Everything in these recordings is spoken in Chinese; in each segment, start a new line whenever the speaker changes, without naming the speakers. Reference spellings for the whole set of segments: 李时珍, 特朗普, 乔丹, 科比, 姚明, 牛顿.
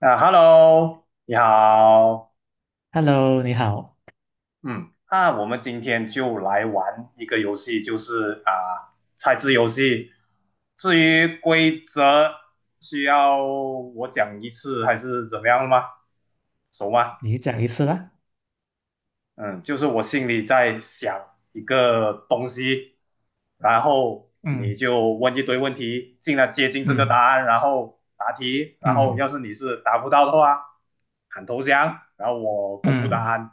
啊，Hello，你好。
Hello，你好，
嗯，那我们今天就来玩一个游戏，猜字游戏。至于规则，需要我讲一次还是怎么样吗？熟吗？
你讲一次啦。
嗯，就是我心里在想一个东西，然后你
嗯
就问一堆问题，尽量接近这个答
嗯
案，然后答题，然后要
嗯
是你是答不到的话，喊投降，然后我公布答
嗯
案。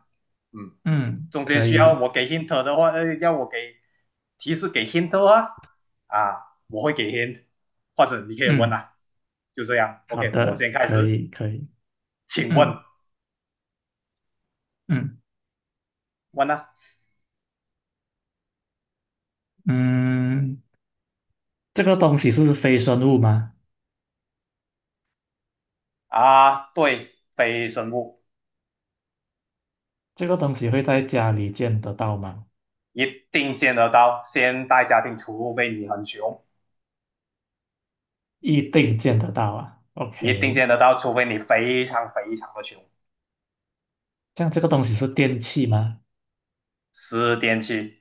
嗯，
嗯
中间
可
需要
以，
我给 hint 的话，要我给提示给 hint 的话，啊，我会给 hint，或者你可以问
嗯
啊，就这样。
好
OK,我
的，
先开
可
始，
以，可以。
请问，
嗯嗯
问啊。
嗯，这个东西是非生物吗？
啊，对，非生物。
这个东西会在家里见得到吗？
一定见得到。现代家庭，除非你很穷，
一定见得到啊。
一定
OK，
见得到，除非你非常非常的穷。
像这个东西是电器吗？
湿电器，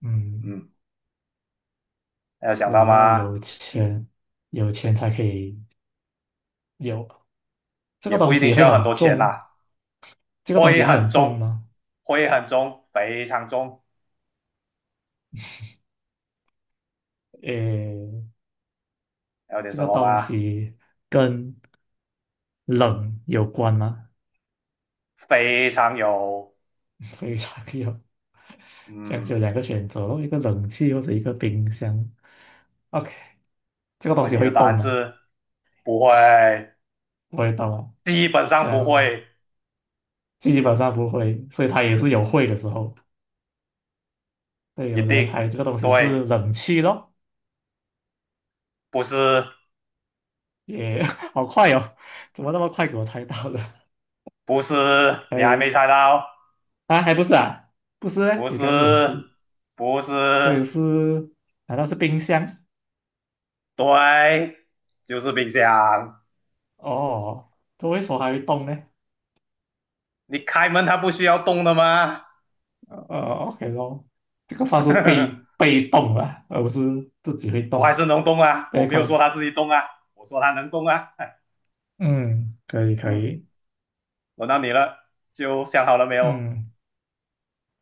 嗯，
嗯，有想
所
到
以要
吗？
有钱，有钱才可以有。这
也
个
不
东
一定
西
需
会
要很
很
多钱
重，
啦。
这个东
灰
西会
很
很重
重，
吗？
灰很重，非常重。
诶，
还有点
这
什
个
么
东
吗？
西跟冷有关吗？
非常有。
非常有，这样
嗯，
就有两个选择咯，一个冷气或者一个冰箱。OK，这个东
所以
西
你的
会
答案
动吗？
是不会，
不会动啊，
基本上
这
不
样
会。
基本上不会，所以它也是有
嗯，
会的时候。对，
一
有的人
定
猜这个东西
对，
是冷气咯，
不是，
也 好快哦，怎么那么快给我猜到了？
不是，你还没
哎，
猜到哦。
啊，还不是啊，不是嘞，
不
你刚才不讲
是，
是，
不是，
我也是，难道是冰箱？
对，就是冰箱。
哦，周围说还会动呢？
你开门它不需要动的吗？
呃，OK 咯，这个算是被 被动了，而不是自己会
我还
动。
是能动啊，
b
我
被
没有
关
说
系，
它自己动啊，我说它能动啊。
嗯，可以可
嗯，
以。
轮到你了，就想好了没有？
嗯，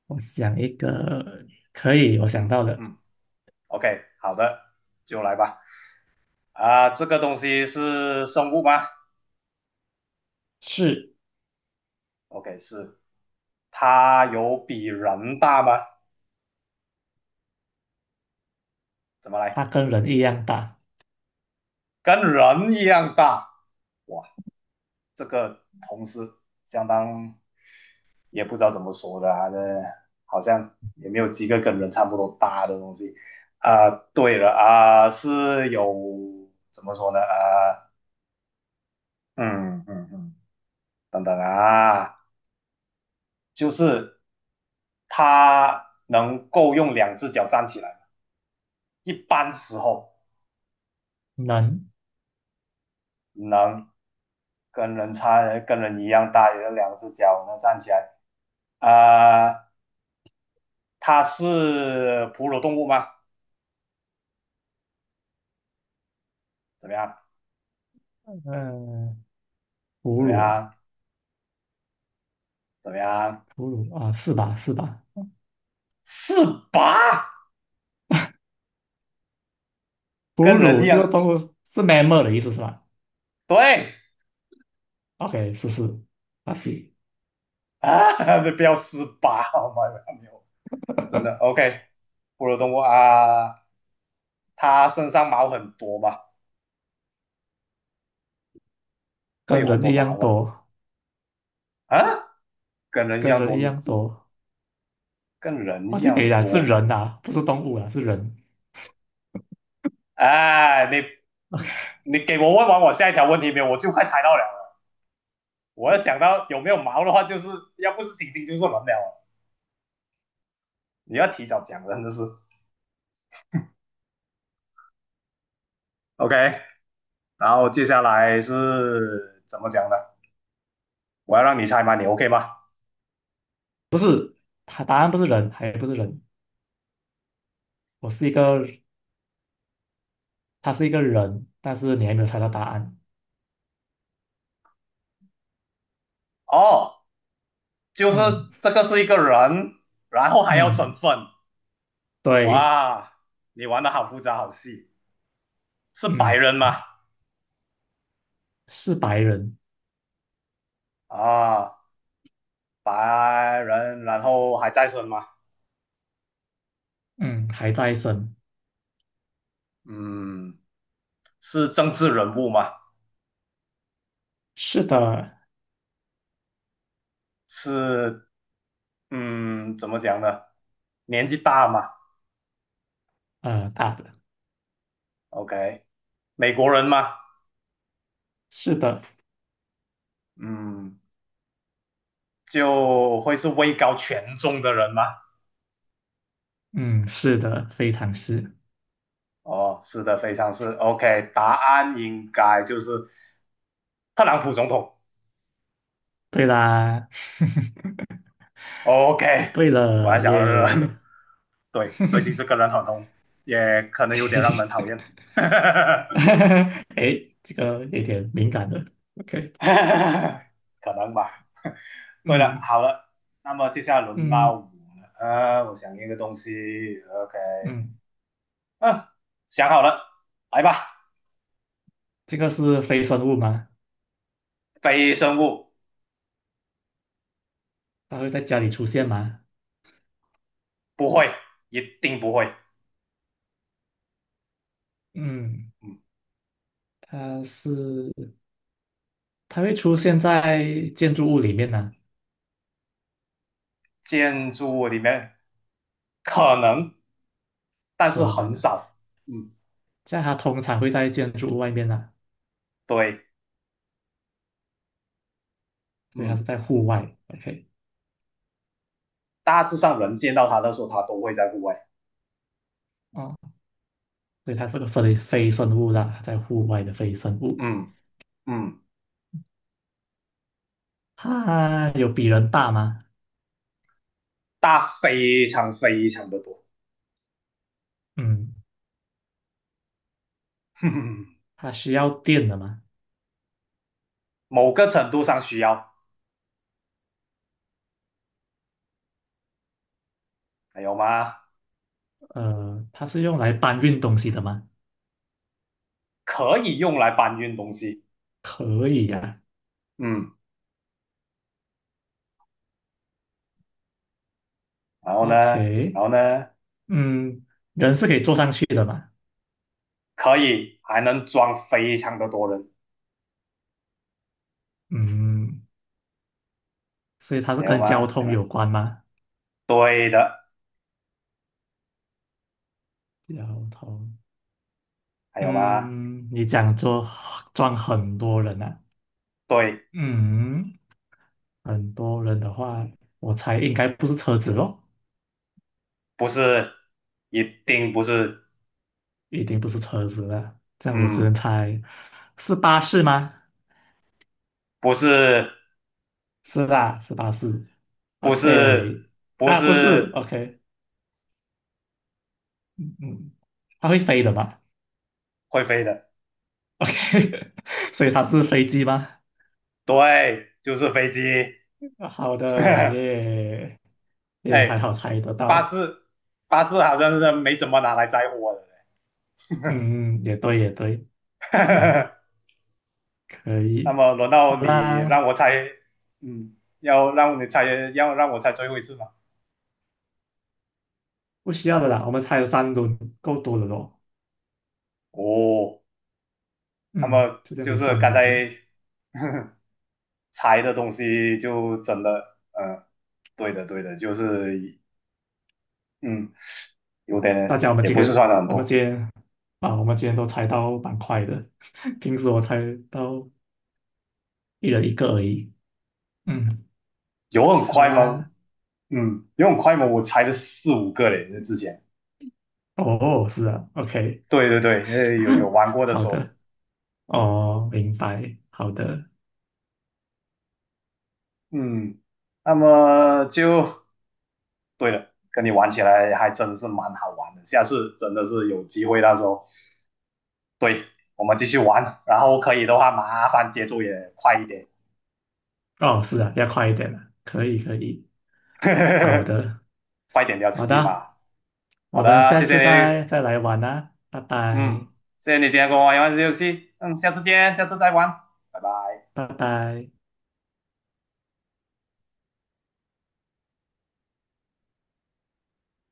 我想一个，可以，我想
嗯
到了，
嗯，OK,好的，就来吧。啊，这个东西是生物吗
是。
？OK,是。它有比人大吗？怎么来？
它跟人一样大，
跟人一样大。哇，这个同事相当也不知道怎么说的啊，这好像也没有几个跟人差不多大的东西啊。呃对了啊，呃是有怎么说呢？啊，呃嗯嗯嗯，等等啊，就是他能够用两只脚站起来，一般时候
能。
能跟人差跟人一样大，也有两只脚能站起来啊。它是哺乳动物吗？怎么样？
嗯、哺
怎么
乳啊，
样？怎么样？
哺乳啊，是吧是吧？
四八，
哺
跟人一
乳这个
样，
动物是 mammal 的意思是吧
对
？OK，是是，它是
啊，不要四八，好吗？没有，真的 OK。哺乳动物啊，它身上毛很多嘛，会
跟
有很
人
多
一样
毛啊
多，
啊，跟人一
跟
样
人
多，
一样
这
多，
跟人
我
一
就给你
样
讲是
多。
人啊，不是动物啊，是人。
哎，啊你给我问完我下一条问题没有？我就快猜到了。我要想到有没有毛的话，就是要不是猩猩就是人了啊。你要提早讲，真的是 OK。然后接下来是怎么讲的？我要让你猜嘛，你 OK 吗？
不是，他答案不是人，还不是人，我是一个，他是一个人，但是你还没有猜到答案。
哦，就是
嗯
这个是一个人，然后还要身
嗯，
份。
对。
哇，你玩的好复杂，好细。是白
嗯，
人吗？
是白人。
啊，白人，然后还在生吗？
嗯，还在生。
嗯，是政治人物吗？
是的。
是，嗯，怎么讲呢？年纪大吗
大的。
？OK,美国人吗？
是的。
嗯，就会是位高权重的人吗？
嗯，是的，非常是。
哦，是的，非常是 OK,答案应该就是特朗普总统
对啦，
，OK,
对
果然
了
想的人。
耶。
对，最近这个 人很红，也可能有点让人讨厌。
OK，哎这个有点敏感了。OK，
可能吧。对了，
嗯
好了，那么接下来轮到
嗯
我了，我想一个东西，OK。
嗯，
嗯、啊想好了，来吧。
这个是非生物吗？
非生物
它会在家里出现吗？
不会，一定不会。
嗯，
嗯，
它是它会出现在建筑物里面呢、
建筑物里面可能，但是
可能
很
的、
少。嗯，
这样它通常会在建筑物外面呢、
对，
所以它
嗯，
是在户外。OK，
大致上人见到它的时候，它都会在户外。
哦，所以它是个非生物啦，在户外的非生物。
嗯嗯，嗯
它有比人大吗？
大非常非常的多。
嗯，
哼哼，
它需要电的吗？
某个程度上需要，还有吗？
它是用来搬运东西的吗？
可以用来搬运东西，
可以呀、
嗯，然后呢，然
OK，
后呢，
嗯，人是可以坐上去的嘛？
可以还能装非常的多人，
嗯，所以它是
还有
跟交
吗？还有
通
吗？
有关吗？
对的，
掉头，
还有吗？
嗯，你讲就撞很多人啊，
对，
嗯，很多人的话，我猜应该不是车子咯，
不是，一定不是。
一定不是车子了，这样我只能
嗯，
猜是巴士吗？
不是，
是啦，是巴士。
不是，
OK，
不
啊，不是
是
，OK，嗯，它会飞的嘛
会飞的，
？OK，所以它是飞机吗？
对，就是飞机。
好的，耶，也还
哎，
好猜得
巴
到，
士巴士好像是没怎么拿来载货的。
嗯，也对，也对，嗯。可
那
以，
么轮到
好
你让
啦，
我猜，嗯，要让你猜，要让我猜最后一次吗？
不需要的啦，我们才了三轮，够多的咯。
哦，那
嗯，
么
就这样
就
子
是
三
刚
轮
才
掉。
猜的东西就真的，嗯，对的对的，就是嗯，有
大
点
家，我们
也
今
不是
天，
算的很
我们今
多。
天啊，我们今天都猜到蛮快的，平时我猜到一人一个而已。嗯，
有很
好
快吗？
啦，
嗯，有很快吗？我猜了4、5个嘞，之前。
哦，是啊，OK，
对对对，有玩过的
好
时候。
的，哦，明白，好的，
嗯，那么就对了，跟你玩起来还真是蛮好玩的。下次真的是有机会，到时候对我们继续玩，然后可以的话，麻烦节奏也快一点。
哦，是啊，要快一点了，可以，可以，好的，
快点比较刺
好
激嘛。
的，
好
我们
的，
下
谢谢
次
你。
再来玩啊，拜
嗯，
拜，
谢谢你今天跟我玩一玩游戏，嗯，下次见，下次再玩，拜拜。
拜拜。